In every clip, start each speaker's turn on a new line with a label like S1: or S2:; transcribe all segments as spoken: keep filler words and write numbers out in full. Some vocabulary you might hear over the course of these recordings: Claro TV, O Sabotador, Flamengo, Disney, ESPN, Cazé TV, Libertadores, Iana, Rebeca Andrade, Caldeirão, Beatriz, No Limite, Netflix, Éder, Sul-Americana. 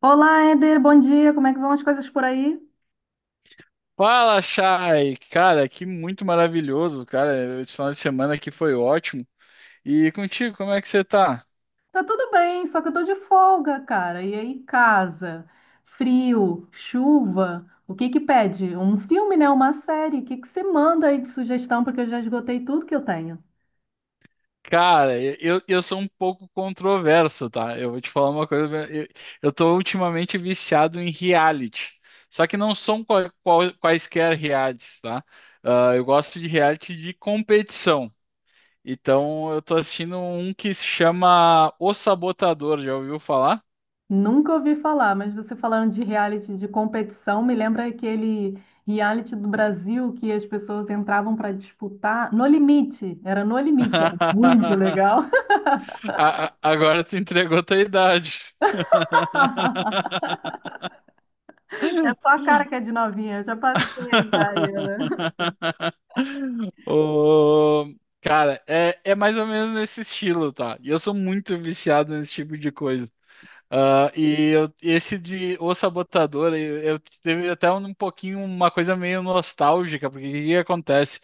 S1: Olá, Éder, bom dia. Como é que vão as coisas por aí?
S2: Fala, Chay! Cara, que muito maravilhoso, cara. Esse final de semana aqui foi ótimo. E contigo, como é que você tá?
S1: Tá tudo bem, só que eu tô de folga, cara. E aí, casa, frio, chuva, o que que pede? Um filme, né? Uma série? O que que você manda aí de sugestão? Porque eu já esgotei tudo que eu tenho.
S2: Cara, eu, eu sou um pouco controverso, tá? Eu vou te falar uma coisa. Eu, eu tô ultimamente viciado em reality. Só que não são qual- qual- quaisquer realities, tá? Ah, eu gosto de reality de competição. Então, eu tô assistindo um que se chama O Sabotador. Já ouviu falar?
S1: Nunca ouvi falar, mas você falando de reality de competição, me lembra aquele reality do Brasil que as pessoas entravam para disputar No Limite. Era No Limite, era muito legal.
S2: A- a- agora tu entregou tua idade.
S1: É só a cara que é de novinha, eu já passei já. Iana.
S2: O... Cara, é, é mais ou menos nesse estilo, tá? E eu sou muito viciado nesse tipo de coisa. Ah, e eu- esse de O Sabotador, eu, eu teve até um, pouquinho uma coisa meio nostálgica, porque o que que acontece?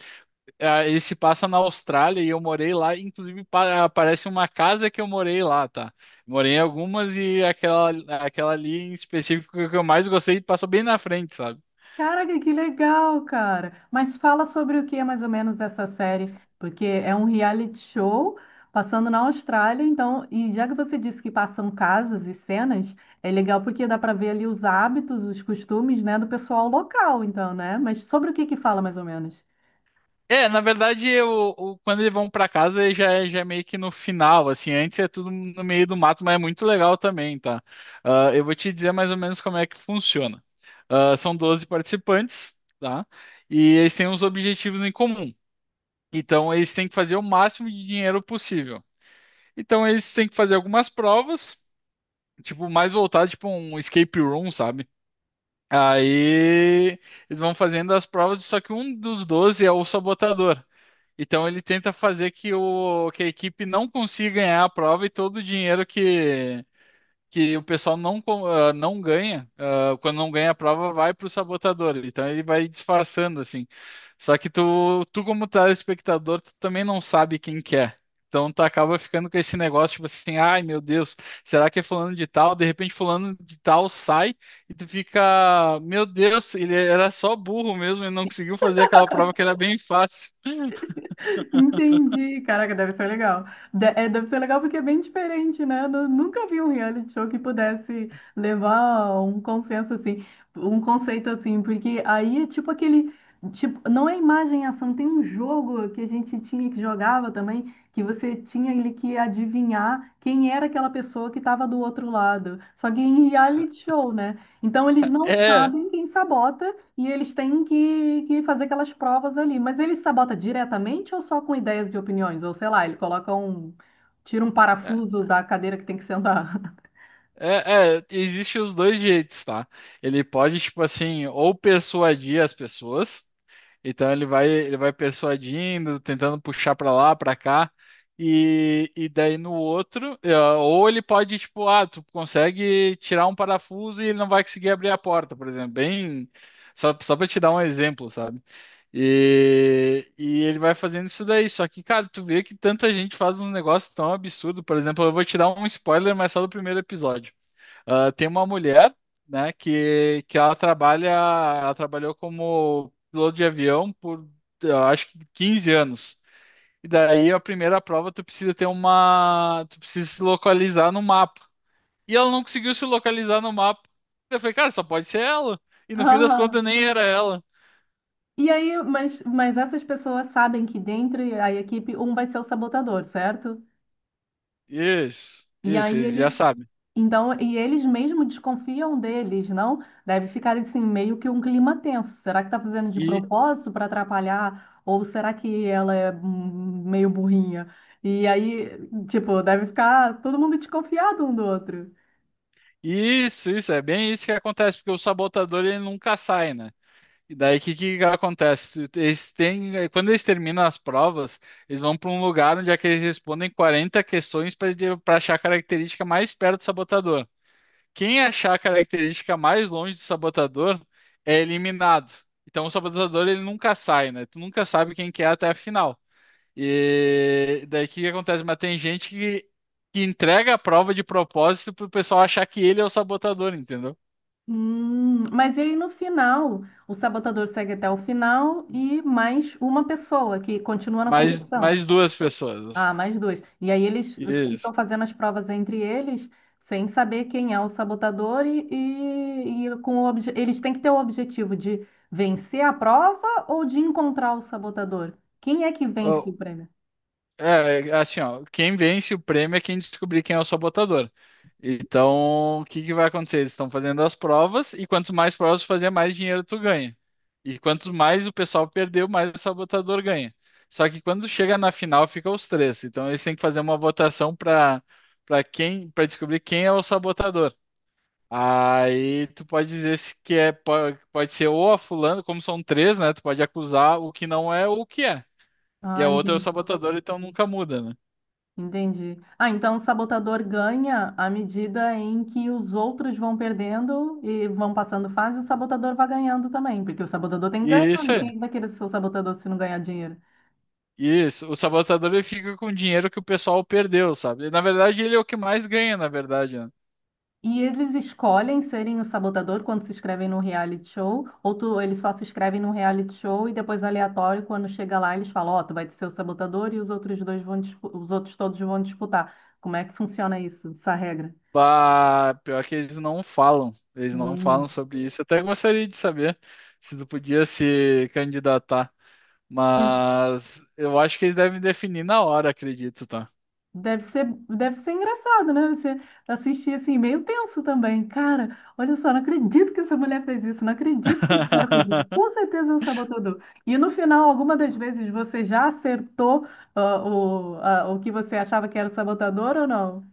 S2: Ah, ele se passa na Austrália e eu morei lá, inclusive pa- aparece uma casa que eu morei lá, tá? Morei em algumas e aquela, aquela ali em específico que eu mais gostei passou bem na frente, sabe?
S1: Caraca, que legal, cara. Mas fala sobre o que é mais ou menos essa série, porque é um reality show passando na Austrália, então, e já que você disse que passam casas e cenas, é legal porque dá para ver ali os hábitos, os costumes, né, do pessoal local, então, né? Mas sobre o que que fala mais ou menos?
S2: É, na verdade, eu, o- quando eles vão pra casa ele já é, já é meio que no final, assim, antes é tudo no meio do mato, mas é muito legal também, tá? Ah, eu vou te dizer mais ou menos como é que funciona. Ah, são doze participantes, tá? E eles têm uns objetivos em comum. Então, eles têm que fazer o máximo de dinheiro possível. Então, eles têm que fazer algumas provas, tipo, mais voltado, tipo, um escape room, sabe? Aí, eles vão fazendo as provas, só que um dos doze é o sabotador. Então ele tenta fazer que, o, que a equipe não consiga ganhar a prova e todo o dinheiro que, que o pessoal não, co- ah, não ganha, ah, quando não ganha a prova, vai para o sabotador. Então ele vai disfarçando assim. Só que tu, tu como telespectador, tu também não sabe quem que é. Então tu acaba ficando com esse negócio, tipo assim, ai meu Deus, será que é fulano de tal? De repente fulano de tal sai e tu fica, meu Deus, ele era só burro mesmo e não conseguiu fazer aquela prova que era bem fácil.
S1: Entendi. Caraca, deve ser legal. De- é, deve ser legal porque é bem diferente, né? Eu nu- nunca vi um reality show que pudesse levar um consenso assim, um conceito assim, porque aí é tipo aquele, tipo, não é imagem e ação, tem um jogo que a gente tinha que jogava também, que você tinha ele que adivinhar quem era aquela pessoa que estava do outro lado. Só que em reality show, né? Então eles não
S2: É.
S1: sabem quem sabota e eles têm que, que fazer aquelas provas ali. Mas ele sabota diretamente ou só com ideias e opiniões? Ou sei lá, ele coloca um. Tira um
S2: É.
S1: parafuso da cadeira que tem que sentar.
S2: É, é, existe os dois jeitos, tá? Ele pode, tipo assim, ou persuadir as pessoas, então ele vai, ele vai persuadindo, tentando puxar pra lá, pra cá, e, e daí no outro, é, ou ele pode, tipo, ah, tu consegue tirar um parafuso e ele não vai conseguir abrir a porta, por exemplo, bem, só, só pra te dar um exemplo, sabe? E, e ele vai fazendo isso daí. Só que, cara, tu vê que tanta gente faz uns negócios tão absurdos. Por exemplo, eu vou te dar um spoiler, mas só do primeiro episódio. Ah, tem uma mulher, né, que, que ela trabalha, ela trabalhou como piloto de avião por, eu acho que quinze anos. E daí a primeira prova tu precisa ter uma, tu precisa se localizar no mapa. E ela não conseguiu se localizar no mapa. Eu falei, cara, só pode ser ela. E no fim das
S1: Ah,
S2: contas nem era ela.
S1: e aí, mas, mas essas pessoas sabem que dentro da equipe um vai ser o sabotador, certo?
S2: Isso,
S1: E
S2: isso,
S1: aí
S2: eles já
S1: eles,
S2: sabem.
S1: então, e eles mesmo desconfiam deles, não? Deve ficar assim meio que um clima tenso. Será que está fazendo de
S2: E
S1: propósito para atrapalhar ou será que ela é hum, meio burrinha? E aí, tipo, deve ficar todo mundo desconfiado um do outro.
S2: isso, isso, é bem isso que acontece, porque o sabotador ele nunca sai, né? E daí o que, que acontece? Eles têm, eh, quando eles terminam as provas, eles vão para um lugar onde é que eles respondem quarenta questões para achar a característica mais perto do sabotador. Quem achar a característica mais longe do sabotador é eliminado. Então o sabotador ele nunca sai, né? Tu nunca sabe quem que é até a final. E daí o que, que acontece? Mas tem gente que, que entrega a prova de propósito para o pessoal achar que ele é o sabotador, entendeu?
S1: Hum, mas aí no final, o sabotador segue até o final e mais uma pessoa que continua na
S2: Mais,
S1: competição.
S2: mais duas
S1: Ah,
S2: pessoas.
S1: mais dois. E aí eles
S2: Isso.
S1: ficam fazendo as provas entre eles, sem saber quem é o sabotador e, e, e com o obje- eles têm que ter o objetivo de vencer a prova ou de encontrar o sabotador. Quem é que vence
S2: Ô,
S1: o prêmio?
S2: É, é, assim, ó, quem vence o prêmio é quem descobrir quem é o sabotador. Então, o que que vai acontecer? Eles estão fazendo as provas e quanto mais provas tu fazer, mais dinheiro tu ganha. E quanto mais o pessoal perdeu, mais o sabotador ganha. Só que quando chega na final, fica os três. Então, eles têm que fazer uma votação para para quem, para descobrir quem é o sabotador. Aí tu pode dizer se que é po- pode ser ou a fulano, como são três, né? Tu pode acusar o que não é ou o que é. E a
S1: Ah,
S2: outra é o
S1: entendi.
S2: sabotador, então nunca muda, né?
S1: Entendi. Ah, então o sabotador ganha à medida em que os outros vão perdendo e vão passando fase, o sabotador vai ganhando também, porque o sabotador tem que ganhar,
S2: Isso,
S1: né?
S2: é.
S1: Quem vai querer ser o sabotador se não ganhar dinheiro?
S2: Isso. O sabotador ele fica com o dinheiro que o pessoal perdeu, sabe? Na verdade, ele é o que mais ganha, na verdade, né?
S1: E eles escolhem serem o sabotador quando se inscrevem no reality show? Ou tu, eles só se inscrevem no reality show e depois aleatório, quando chega lá, eles falam, ó, tu vai ser o sabotador e os outros dois vão, dispu- os outros todos vão disputar. Como é que funciona isso, essa regra?
S2: Bah, pior que eles não falam. Eles não falam
S1: Hum.
S2: sobre isso. Eu até gostaria de saber se tu podia se candidatar. Mas eu acho que eles devem definir na hora, acredito, tá?
S1: Deve ser, deve ser engraçado, né? Você assistir assim, meio tenso também. Cara, olha só, não acredito que essa mulher fez isso, não acredito que esse cara fez isso. Com certeza é um sabotador. E no final, alguma das vezes você já acertou ah, o, ah, o que você achava que era o sabotador ou não?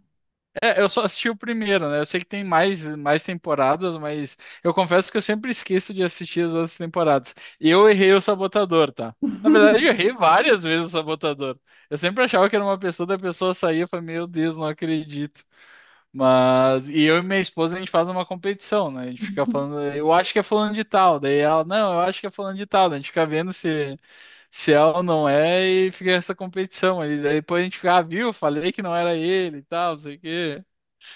S2: É, eu só assisti o primeiro, né? Eu sei que tem mais, mais temporadas, mas eu confesso que eu sempre esqueço de assistir as outras temporadas. E eu errei o Sabotador, tá? Na verdade, eu errei várias vezes o Sabotador. Eu sempre achava que era uma pessoa, da pessoa saía e falava, meu Deus, não acredito. Mas, e eu e minha esposa, a gente faz uma competição, né? A gente fica falando, eu acho que é falando de tal. Daí ela, não, eu acho que é falando de tal. Daí a gente fica vendo se, se é ou não é e fica essa competição. E daí depois a gente fica, ah, viu? Falei que não era ele e tal, não sei o quê.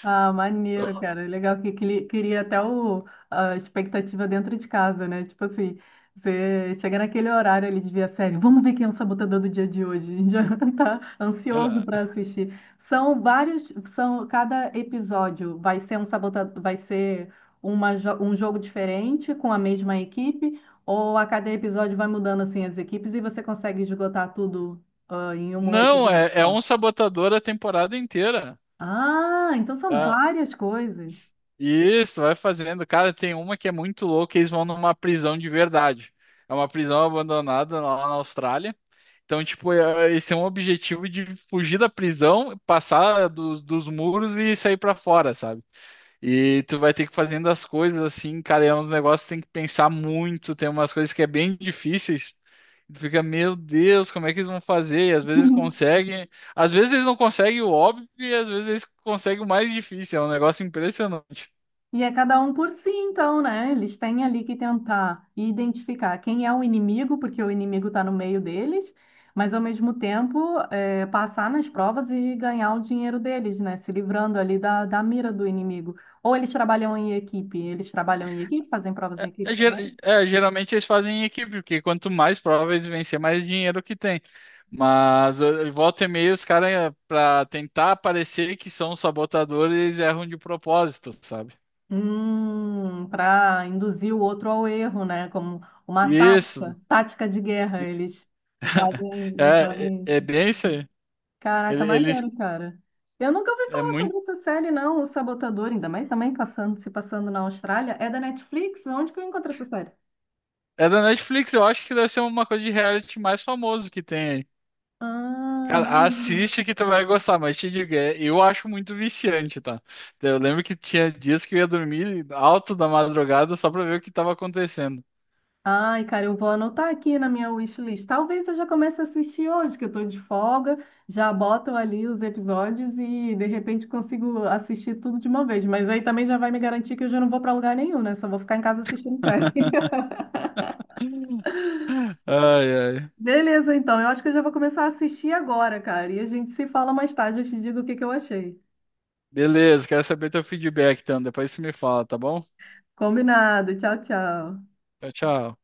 S1: Ah, maneiro, cara. Legal que cri- queria até o, a expectativa dentro de casa, né? Tipo assim, você chega naquele horário ali de ver a série, vamos ver quem é o sabotador do dia de hoje. A gente já tá ansioso para
S2: Ah,
S1: assistir. São vários, são cada episódio vai ser um sabotador, vai ser uma, jo- um jogo diferente com a mesma equipe, ou a cada episódio vai mudando assim as equipes e você consegue esgotar tudo ah, em um
S2: não,
S1: episódio
S2: é, é
S1: só.
S2: um sabotador a temporada inteira.
S1: Ah, então são
S2: Ah,
S1: várias coisas.
S2: isso, vai fazendo. Cara, tem uma que é muito louca, eles vão numa prisão de verdade. É uma prisão abandonada lá na Austrália. Então, tipo, é- eles têm um objetivo de fugir da prisão, passar dos, dos muros e sair pra fora, sabe? E tu vai ter que fazendo as coisas assim, cara, e é uns negócios que tem que pensar muito, tem umas coisas que é bem difíceis. E tu fica, meu Deus, como é que eles vão fazer? E às vezes conseguem, às vezes eles não conseguem o óbvio e às vezes eles conseguem o mais difícil, é um negócio impressionante.
S1: E é cada um por si, então, né? Eles têm ali que tentar identificar quem é o inimigo, porque o inimigo está no meio deles, mas ao mesmo tempo eh, passar nas provas e ganhar o dinheiro deles, né? Se livrando ali da, da mira do inimigo. Ou eles trabalham em equipe, eles trabalham em equipe, fazem provas em
S2: É,
S1: equipe também?
S2: ger- é, geralmente eles fazem em equipe, porque quanto mais provas eles vencer, mais dinheiro que tem. Mas eh, volta e meia, os caras, pra tentar parecer que são sabotadores, eles erram de propósito, sabe?
S1: Hum, para induzir o outro ao erro, né? Como uma
S2: Isso.
S1: tática, tática de guerra, eles fazem,
S2: É, é
S1: fazem
S2: é
S1: isso.
S2: bem isso aí.
S1: Caraca,
S2: Ele- Eles
S1: maneiro, cara. Eu nunca ouvi
S2: é
S1: falar
S2: muito.
S1: sobre essa série, não, O Sabotador, ainda mais também passando, se passando na Austrália. É da Netflix? Onde que eu encontrei essa série?
S2: É da Netflix, eu acho que deve ser uma coisa de reality mais famoso que tem aí.
S1: Ah,
S2: Cara,
S1: maneiro.
S2: assiste que tu vai gostar, mas te digo, é- eu acho muito viciante, tá? Eu lembro que tinha dias que eu ia dormir alto da madrugada só pra ver o que tava acontecendo.
S1: Ai, cara, eu vou anotar aqui na minha wishlist. Talvez eu já comece a assistir hoje, que eu tô de folga, já boto ali os episódios e de repente consigo assistir tudo de uma vez. Mas aí também já vai me garantir que eu já não vou pra lugar nenhum, né? Só vou ficar em casa assistindo série.
S2: Ai, ai.
S1: Beleza, então. Eu acho que eu já vou começar a assistir agora, cara. E a gente se fala mais tarde. Eu te digo o que que eu achei.
S2: Beleza, quero saber teu feedback, então. Depois você me fala, tá bom?
S1: Combinado. Tchau, tchau.
S2: Tchau, tchau.